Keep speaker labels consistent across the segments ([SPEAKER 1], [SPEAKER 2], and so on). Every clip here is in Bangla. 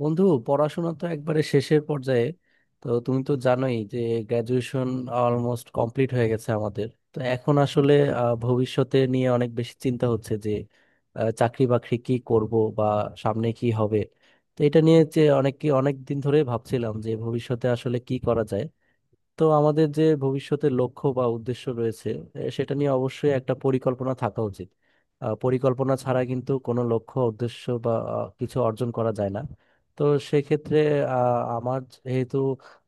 [SPEAKER 1] বন্ধু, পড়াশোনা তো একবারে শেষের পর্যায়ে। তো তুমি তো জানোই যে গ্র্যাজুয়েশন অলমোস্ট কমপ্লিট হয়ে গেছে আমাদের। তো এখন আসলে ভবিষ্যতে নিয়ে অনেক বেশি চিন্তা হচ্ছে যে চাকরি বাকরি কি করব বা সামনে কি হবে। তো এটা নিয়ে যে অনেক দিন ধরে ভাবছিলাম যে ভবিষ্যতে আসলে কি করা যায়। তো আমাদের যে ভবিষ্যতের লক্ষ্য বা উদ্দেশ্য রয়েছে, সেটা নিয়ে অবশ্যই একটা পরিকল্পনা থাকা উচিত। পরিকল্পনা ছাড়া কিন্তু কোনো লক্ষ্য উদ্দেশ্য বা কিছু অর্জন করা যায় না। তো সেক্ষেত্রে আমার যেহেতু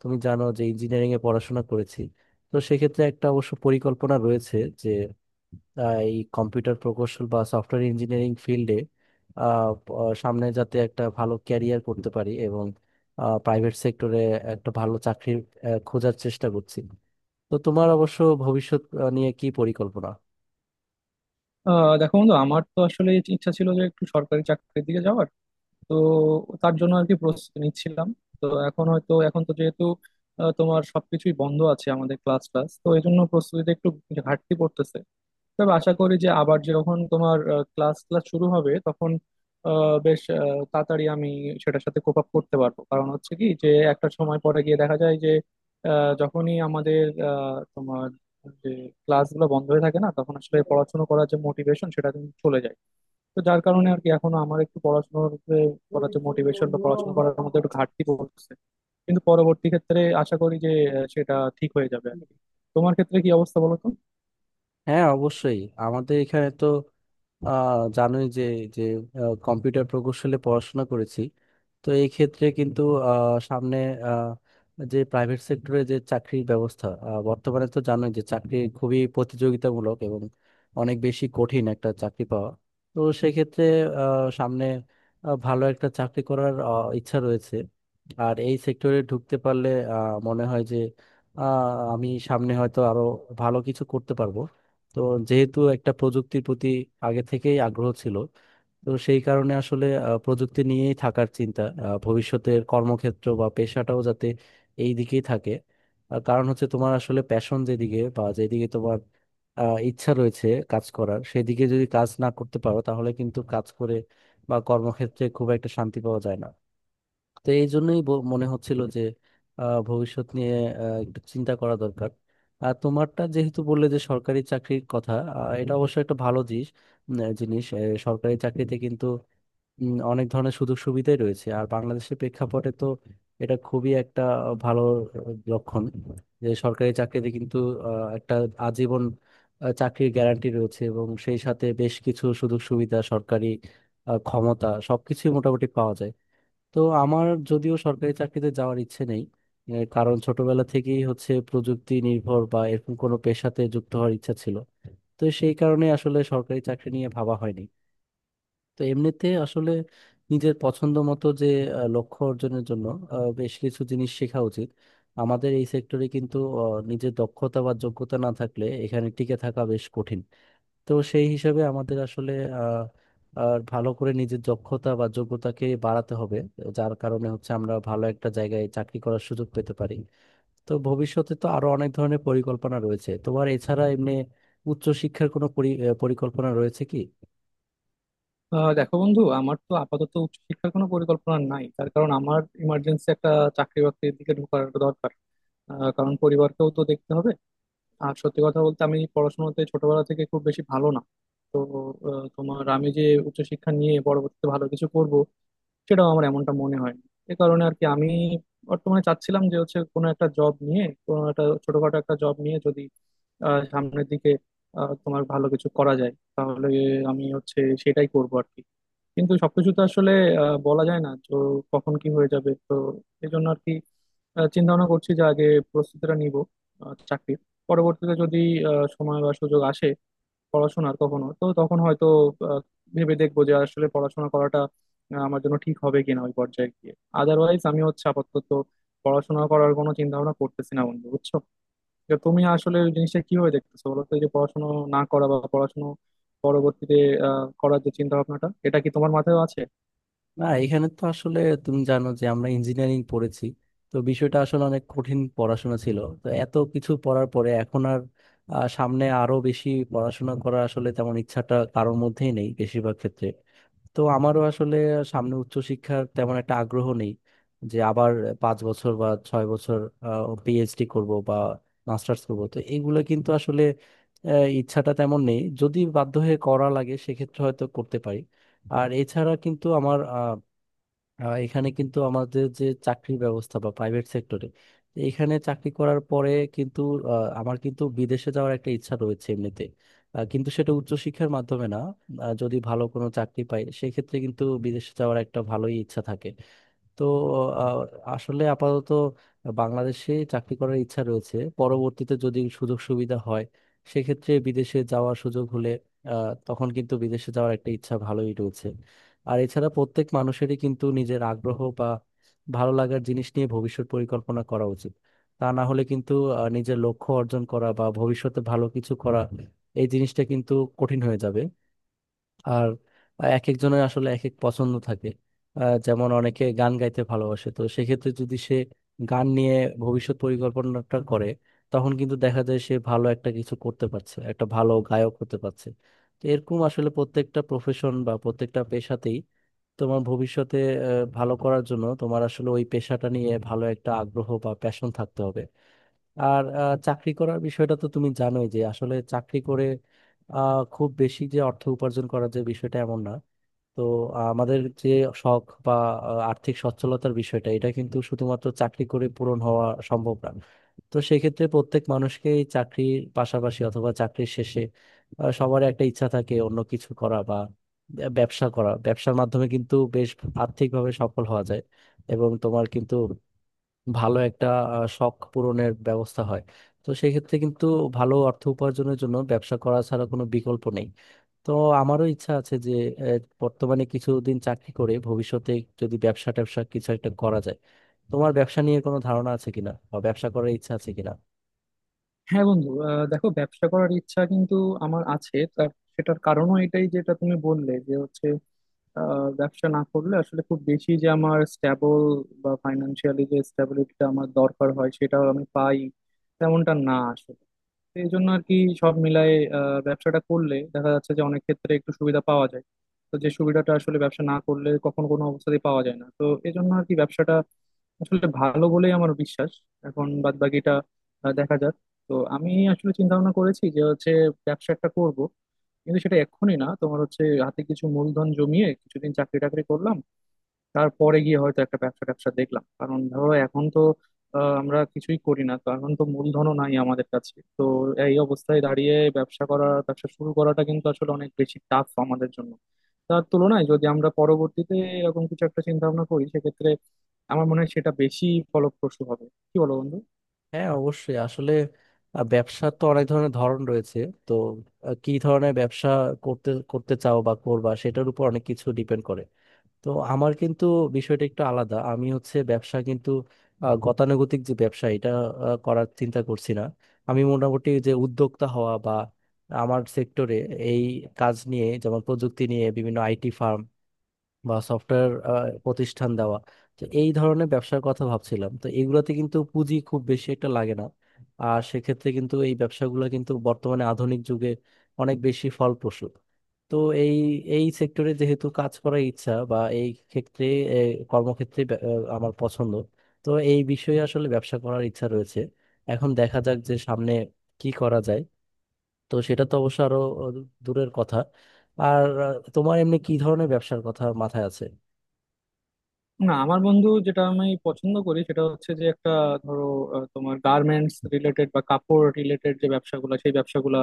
[SPEAKER 1] তুমি জানো যে ইঞ্জিনিয়ারিং এ পড়াশোনা করেছি, তো সেক্ষেত্রে একটা অবশ্য পরিকল্পনা রয়েছে যে এই কম্পিউটার প্রকৌশল বা সফটওয়্যার ইঞ্জিনিয়ারিং ফিল্ডে সামনে যাতে একটা ভালো ক্যারিয়ার করতে পারি, এবং প্রাইভেট সেক্টরে একটা ভালো চাকরি খোঁজার চেষ্টা করছি। তো তোমার অবশ্য ভবিষ্যৎ নিয়ে কি পরিকল্পনা?
[SPEAKER 2] দেখো বন্ধু, আমার তো আসলে ইচ্ছা ছিল যে একটু সরকারি চাকরির দিকে যাওয়ার। তো তার জন্য আর কি প্রস্তুতি নিচ্ছিলাম। তো এখন হয়তো এখন তো যেহেতু তোমার সবকিছুই বন্ধ আছে আমাদের ক্লাস ক্লাস, তো এই জন্য প্রস্তুতিতে একটু ঘাটতি পড়তেছে। তবে আশা করি যে আবার যখন তোমার ক্লাস ক্লাস শুরু হবে তখন বেশ তাড়াতাড়ি আমি সেটার সাথে কোপ আপ করতে পারবো। কারণ হচ্ছে কি যে একটা সময় পরে গিয়ে দেখা যায় যে যখনই আমাদের তোমার যে ক্লাসগুলো বন্ধ হয়ে থাকে না, তখন আসলে পড়াশোনা করার যে মোটিভেশন সেটা কিন্তু চলে যায়। তো যার কারণে আর কি এখনো আমার একটু পড়াশোনার করার যে মোটিভেশন বা পড়াশোনা করার মধ্যে একটু ঘাটতি পড়ছে। কিন্তু পরবর্তী ক্ষেত্রে আশা করি যে সেটা ঠিক হয়ে যাবে আর কি। তোমার ক্ষেত্রে কি অবস্থা, বলো তো?
[SPEAKER 1] হ্যাঁ, অবশ্যই। আমাদের এখানে তো জানোই যে যে কম্পিউটার প্রকৌশলে পড়াশোনা করেছি। তো এই ক্ষেত্রে কিন্তু সামনে আহ, যে প্রাইভেট সেক্টরে যে চাকরির ব্যবস্থা, বর্তমানে তো জানোই যে চাকরি খুবই প্রতিযোগিতামূলক এবং অনেক বেশি কঠিন একটা চাকরি পাওয়া। তো সেক্ষেত্রে সামনে ভালো একটা চাকরি করার ইচ্ছা রয়েছে। আর এই সেক্টরে ঢুকতে পারলে মনে হয় যে আহ, আমি সামনে হয়তো আরো ভালো কিছু করতে পারবো। তো যেহেতু একটা প্রযুক্তির প্রতি আগে থেকেই আগ্রহ ছিল, তো সেই কারণে আসলে প্রযুক্তি নিয়েই থাকার চিন্তা, ভবিষ্যতের কর্মক্ষেত্র বা পেশাটাও যাতে এই দিকেই থাকে। কারণ হচ্ছে তোমার আসলে প্যাশন যেদিকে বা যেদিকে তোমার ইচ্ছা রয়েছে কাজ করার, সেদিকে যদি কাজ না করতে পারো তাহলে কিন্তু কাজ করে বা কর্মক্ষেত্রে খুব একটা শান্তি পাওয়া যায় না। তো এই জন্যই মনে হচ্ছিল যে ভবিষ্যৎ নিয়ে একটু চিন্তা করা দরকার। আর তোমারটা যেহেতু বললে যে সরকারি চাকরির কথা, এটা অবশ্য একটা ভালো জিনিস। জিনিস। সরকারি চাকরিতে কিন্তু অনেক ধরনের সুযোগ সুবিধাই রয়েছে, আর বাংলাদেশের প্রেক্ষাপটে তো এটা খুবই একটা ভালো আহ, লক্ষণ। যে সরকারি চাকরিতে কিন্তু একটা আজীবন চাকরির গ্যারান্টি রয়েছে, এবং সেই সাথে বেশ কিছু সুযোগ সুবিধা, সরকারি ক্ষমতা সবকিছুই মোটামুটি পাওয়া যায়। তো আমার যদিও সরকারি চাকরিতে যাওয়ার ইচ্ছে নেই। এর কারণ ছোটবেলা থেকেই হচ্ছে প্রযুক্তি নির্ভর বা এরকম কোনো পেশাতে যুক্ত হওয়ার ইচ্ছা ছিল। তো সেই কারণে আসলে সরকারি চাকরি নিয়ে ভাবা হয়নি। তো এমনিতে আসলে নিজের পছন্দ মতো যে লক্ষ্য অর্জনের জন্য বেশ কিছু জিনিস শেখা উচিত। আমাদের এই সেক্টরে কিন্তু আহ, নিজের দক্ষতা বা যোগ্যতা না থাকলে এখানে টিকে থাকা বেশ কঠিন। তো সেই হিসাবে আমাদের আসলে আহ, আর ভালো করে নিজের দক্ষতা বা যোগ্যতাকে বাড়াতে হবে, যার কারণে হচ্ছে আমরা ভালো একটা জায়গায় চাকরি করার সুযোগ পেতে পারি। তো ভবিষ্যতে তো আরো অনেক ধরনের পরিকল্পনা রয়েছে তোমার, এছাড়া এমনি উচ্চশিক্ষার কোনো পরিকল্পনা রয়েছে কি?
[SPEAKER 2] দেখো বন্ধু, আমার তো আপাতত উচ্চশিক্ষার কোনো পরিকল্পনা নাই। তার কারণ আমার ইমার্জেন্সি একটা চাকরি বাকরির দিকে ঢোকার দরকার। কারণ পরিবারকেও তো দেখতে হবে। আর সত্যি কথা বলতে আমি পড়াশোনাতে ছোটবেলা থেকে খুব বেশি ভালো না। তো তোমার আমি যে উচ্চশিক্ষা নিয়ে পরবর্তীতে ভালো কিছু করব সেটাও আমার এমনটা মনে হয়। এ কারণে আর কি আমি বর্তমানে চাচ্ছিলাম যে হচ্ছে কোনো একটা জব নিয়ে, কোনো একটা ছোটখাটো একটা জব নিয়ে যদি সামনের দিকে তোমার ভালো কিছু করা যায় তাহলে আমি হচ্ছে সেটাই করবো আর কি। কিন্তু সবকিছু তো আসলে বলা যায় না তো, কখন কি হয়ে যাবে তো। এই জন্য আর কি চিন্তা ভাবনা করছি যে আগে প্রস্তুতিটা নিব চাকরির। পরবর্তীতে যদি সময় বা সুযোগ আসে পড়াশোনার কখনো, তো তখন হয়তো আহ, ভেবে দেখবো যে আসলে পড়াশোনা করাটা আমার জন্য ঠিক হবে কিনা ওই পর্যায়ে গিয়ে। আদারওয়াইজ আমি হচ্ছে আপাতত পড়াশোনা করার কোনো চিন্তা ভাবনা করতেছি না বন্ধু, বুঝছো? তো তুমি আসলে ওই জিনিসটা কিভাবে দেখতেছো বলো তো, এই যে পড়াশোনা না করা বা পড়াশোনা পরবর্তীতে করার যে চিন্তা ভাবনাটা, এটা কি তোমার মাথায় আছে?
[SPEAKER 1] না, এখানে তো আসলে তুমি জানো যে আমরা ইঞ্জিনিয়ারিং পড়েছি। তো বিষয়টা আসলে অনেক কঠিন পড়াশোনা ছিল, তো এত কিছু পড়ার পরে এখন আর সামনে আরো বেশি পড়াশোনা করার আসলে তেমন ইচ্ছাটা কারোর মধ্যেই নেই বেশিরভাগ ক্ষেত্রে। তো আমারও আসলে সামনে উচ্চশিক্ষার তেমন একটা আগ্রহ নেই, যে আবার 5 বছর বা 6 বছর পিএইচডি করব বা মাস্টার্স করব, তো এইগুলো কিন্তু আসলে ইচ্ছাটা তেমন নেই। যদি বাধ্য হয়ে করা লাগে সেক্ষেত্রে হয়তো করতে পারি। আর এছাড়া কিন্তু আমার এখানে কিন্তু আমাদের যে চাকরির ব্যবস্থা বা প্রাইভেট সেক্টরে এখানে চাকরি করার পরে কিন্তু আমার কিন্তু বিদেশে যাওয়ার একটা ইচ্ছা রয়েছে এমনিতে। কিন্তু সেটা উচ্চশিক্ষার মাধ্যমে না। যদি ভালো কোনো চাকরি পাই, সেক্ষেত্রে কিন্তু বিদেশে যাওয়ার একটা ভালোই ইচ্ছা থাকে। তো আহ, আসলে আপাতত বাংলাদেশে চাকরি করার ইচ্ছা রয়েছে। পরবর্তীতে যদি সুযোগ সুবিধা হয়, সেক্ষেত্রে বিদেশে যাওয়ার সুযোগ হলে তখন কিন্তু বিদেশে যাওয়ার একটা ইচ্ছা ভালোই রয়েছে। আর এছাড়া প্রত্যেক মানুষেরই কিন্তু নিজের আগ্রহ বা ভালো লাগার জিনিস নিয়ে ভবিষ্যৎ পরিকল্পনা করা উচিত। তা না হলে কিন্তু নিজের লক্ষ্য অর্জন করা বা ভবিষ্যতে ভালো কিছু করা, এই জিনিসটা কিন্তু কঠিন হয়ে যাবে। আর এক একজনের আসলে এক এক পছন্দ থাকে। যেমন অনেকে গান গাইতে ভালোবাসে, তো সেক্ষেত্রে যদি সে গান নিয়ে ভবিষ্যৎ পরিকল্পনাটা করে, তখন কিন্তু দেখা যায় সে ভালো একটা কিছু করতে পারছে, একটা ভালো গায়ক হতে পারছে। তো এরকম আসলে প্রত্যেকটা প্রফেশন বা প্রত্যেকটা পেশাতেই তোমার ভবিষ্যতে ভালো করার জন্য তোমার আসলে ওই পেশাটা নিয়ে ভালো একটা আগ্রহ বা প্যাশন থাকতে হবে। আর চাকরি করার বিষয়টা তো তুমি জানোই যে আসলে চাকরি করে খুব বেশি যে অর্থ উপার্জন করার যে বিষয়টা এমন না। তো আমাদের যে শখ বা আর্থিক সচ্ছলতার বিষয়টা এটা কিন্তু শুধুমাত্র চাকরি করে পূরণ হওয়া সম্ভব না। তো সেক্ষেত্রে প্রত্যেক মানুষকেই চাকরির পাশাপাশি অথবা চাকরির শেষে সবার একটা ইচ্ছা থাকে অন্য কিছু করা বা ব্যবসা করা। ব্যবসার মাধ্যমে কিন্তু বেশ আর্থিকভাবে সফল হওয়া যায়, এবং তোমার কিন্তু ভালো একটা শখ পূরণের ব্যবস্থা হয়। তো সেক্ষেত্রে কিন্তু ভালো অর্থ উপার্জনের জন্য ব্যবসা করা ছাড়া কোনো বিকল্প নেই। তো আমারও ইচ্ছা আছে যে আহ, বর্তমানে কিছুদিন চাকরি করে ভবিষ্যতে যদি ব্যবসা ট্যাবসা কিছু একটা করা যায়। তোমার ব্যবসা নিয়ে কোনো ধারণা আছে কিনা, বা ব্যবসা করার ইচ্ছা আছে কিনা?
[SPEAKER 2] হ্যাঁ বন্ধু, দেখো, ব্যবসা করার ইচ্ছা কিন্তু আমার আছে। সেটার কারণও এটাই, যেটা তুমি বললে যে হচ্ছে ব্যবসা না করলে আসলে খুব বেশি যে আমার স্ট্যাবল বা ফাইন্যান্সিয়ালি যে স্ট্যাবিলিটিটা আমার দরকার হয় সেটা আমি পাই তেমনটা না আসলে। তো এই জন্য আর কি সব মিলায়ে ব্যবসাটা করলে দেখা যাচ্ছে যে অনেক ক্ষেত্রে একটু সুবিধা পাওয়া যায়। তো যে সুবিধাটা আসলে ব্যবসা না করলে কখনো কোনো অবস্থাতেই পাওয়া যায় না, তো এই জন্য আর কি ব্যবসাটা আসলে ভালো বলেই আমার বিশ্বাস। এখন বাদ বাকিটা দেখা যাক। তো আমি আসলে চিন্তা ভাবনা করেছি যে হচ্ছে ব্যবসা একটা করব, কিন্তু সেটা এক্ষুনি না। তোমার হচ্ছে হাতে কিছু মূলধন জমিয়ে কিছুদিন চাকরি টাকরি করলাম, তারপরে গিয়ে হয়তো একটা ব্যবসা ট্যাবসা দেখলাম। কারণ ধরো এখন তো আমরা কিছুই করি না, তো এখন তো মূলধনও নাই আমাদের কাছে। তো এই অবস্থায় দাঁড়িয়ে ব্যবসা করা, ব্যবসা শুরু করাটা কিন্তু আসলে অনেক বেশি টাফ আমাদের জন্য। তার তুলনায় যদি আমরা পরবর্তীতে এরকম কিছু একটা চিন্তা ভাবনা করি সেক্ষেত্রে আমার মনে হয় সেটা বেশি ফলপ্রসূ হবে। কি বলো বন্ধু?
[SPEAKER 1] হ্যাঁ, অবশ্যই। আসলে ব্যবসার তো অনেক ধরনের ধরন রয়েছে। তো কি ধরনের ব্যবসা করতে করতে চাও বা করবা, সেটার উপর অনেক কিছু ডিপেন্ড করে। তো আমার কিন্তু বিষয়টা একটু আলাদা। আমি হচ্ছে ব্যবসা কিন্তু গতানুগতিক যে ব্যবসা, এটা করার চিন্তা করছি না। আমি মোটামুটি যে উদ্যোক্তা হওয়া বা আমার সেক্টরে এই কাজ নিয়ে, যেমন প্রযুক্তি নিয়ে বিভিন্ন আইটি ফার্ম বা সফটওয়্যার প্রতিষ্ঠান দেওয়া, তো এই ধরনের ব্যবসার কথা ভাবছিলাম। তো এগুলোতে কিন্তু পুঁজি খুব বেশি একটা লাগে না। আর সেক্ষেত্রে কিন্তু এই ব্যবসাগুলো কিন্তু বর্তমানে আধুনিক যুগে অনেক বেশি ফলপ্রসূ। তো এই এই সেক্টরে যেহেতু কাজ করার ইচ্ছা বা এই ক্ষেত্রে এ, কর্মক্ষেত্রে আমার পছন্দ। তো এই বিষয়ে আসলে ব্যবসা করার ইচ্ছা রয়েছে। এখন দেখা যাক যে সামনে কি করা যায়। তো সেটা তো অবশ্য আরো আ, দূরের কথা। আর তোমার এমনি কি ধরনের ব্যবসার কথা মাথায় আছে?
[SPEAKER 2] না আমার বন্ধু, যেটা আমি পছন্দ করি সেটা হচ্ছে যে একটা, ধরো, তোমার গার্মেন্টস রিলেটেড বা কাপড় রিলেটেড যে ব্যবসাগুলো, সেই ব্যবসাগুলো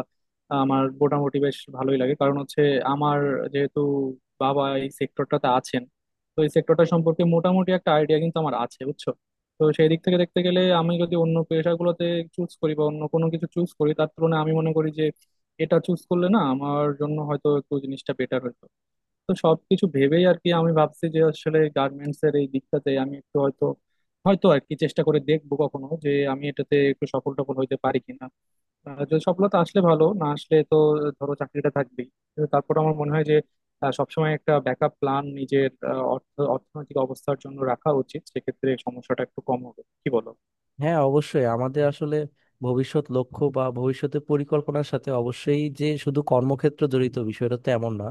[SPEAKER 2] আমার মোটামুটি বেশ ভালোই লাগে। কারণ হচ্ছে আমার যেহেতু বাবা এই সেক্টরটাতে আছেন, তো এই সেক্টরটা সম্পর্কে মোটামুটি একটা আইডিয়া কিন্তু আমার আছে, বুঝছো। তো সেই দিক থেকে দেখতে গেলে আমি যদি অন্য পেশাগুলোতে চুজ করি বা অন্য কোনো কিছু চুজ করি, তার তুলনায় আমি মনে করি যে এটা চুজ করলে না, আমার জন্য হয়তো একটু জিনিসটা বেটার হতো। তো সবকিছু ভেবেই আর কি আমি ভাবছি যে আসলে গার্মেন্টস এর এই দিকটাতে আমি একটু হয়তো, আর কি চেষ্টা করে দেখবো কখনো যে আমি এটাতে একটু সফল টফল হইতে পারি কিনা। যদি সফলতা আসলে ভালো না আসলে তো, ধরো, চাকরিটা থাকবেই। কিন্তু তারপর আমার মনে হয় যে সবসময় একটা ব্যাকআপ প্ল্যান নিজের অর্থনৈতিক অবস্থার জন্য রাখা উচিত, সেক্ষেত্রে সমস্যাটা একটু কম হবে, কি বলো?
[SPEAKER 1] হ্যাঁ, অবশ্যই। আমাদের আসলে ভবিষ্যৎ লক্ষ্য বা ভবিষ্যতের পরিকল্পনার সাথে অবশ্যই যে শুধু কর্মক্ষেত্র জড়িত, বিষয়টা তো এমন না।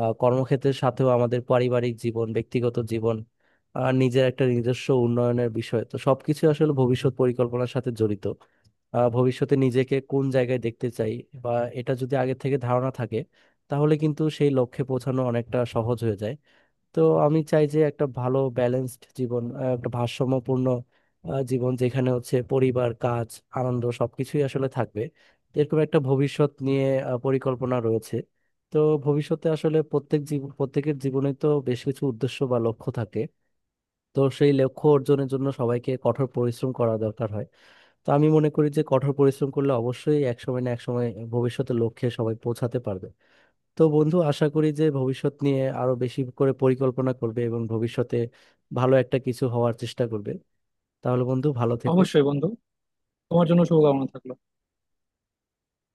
[SPEAKER 1] কর্মক্ষেত্রের সাথেও আমাদের পারিবারিক জীবন, ব্যক্তিগত জীবন, আর নিজের একটা নিজস্ব উন্নয়নের বিষয়, তো সবকিছু আসলে ভবিষ্যৎ পরিকল্পনার সাথে জড়িত। ভবিষ্যতে নিজেকে কোন জায়গায় দেখতে চাই, বা এটা যদি আগে থেকে ধারণা থাকে, তাহলে কিন্তু সেই লক্ষ্যে পৌঁছানো অনেকটা সহজ হয়ে যায়। তো আমি চাই যে একটা ভালো ব্যালেন্সড জীবন, একটা ভারসাম্যপূর্ণ জীবন, যেখানে হচ্ছে পরিবার, কাজ, আনন্দ সবকিছুই আসলে থাকবে। তো এরকম একটা ভবিষ্যৎ নিয়ে পরিকল্পনা রয়েছে। তো ভবিষ্যতে আসলে প্রত্যেকের জীবনে তো বেশ কিছু উদ্দেশ্য বা লক্ষ্য থাকে। তো সেই লক্ষ্য অর্জনের জন্য সবাইকে কঠোর পরিশ্রম করা দরকার হয়। তো আমি মনে করি যে কঠোর পরিশ্রম করলে অবশ্যই এক সময় না এক সময় ভবিষ্যতে লক্ষ্যে সবাই পৌঁছাতে পারবে। তো বন্ধু, আশা করি যে ভবিষ্যৎ নিয়ে আরো বেশি করে পরিকল্পনা করবে এবং ভবিষ্যতে ভালো একটা কিছু হওয়ার চেষ্টা করবে। তাহলে বন্ধু, ভালো
[SPEAKER 2] অবশ্যই
[SPEAKER 1] থেকো।
[SPEAKER 2] বন্ধু, তোমার জন্য শুভকামনা থাকলো।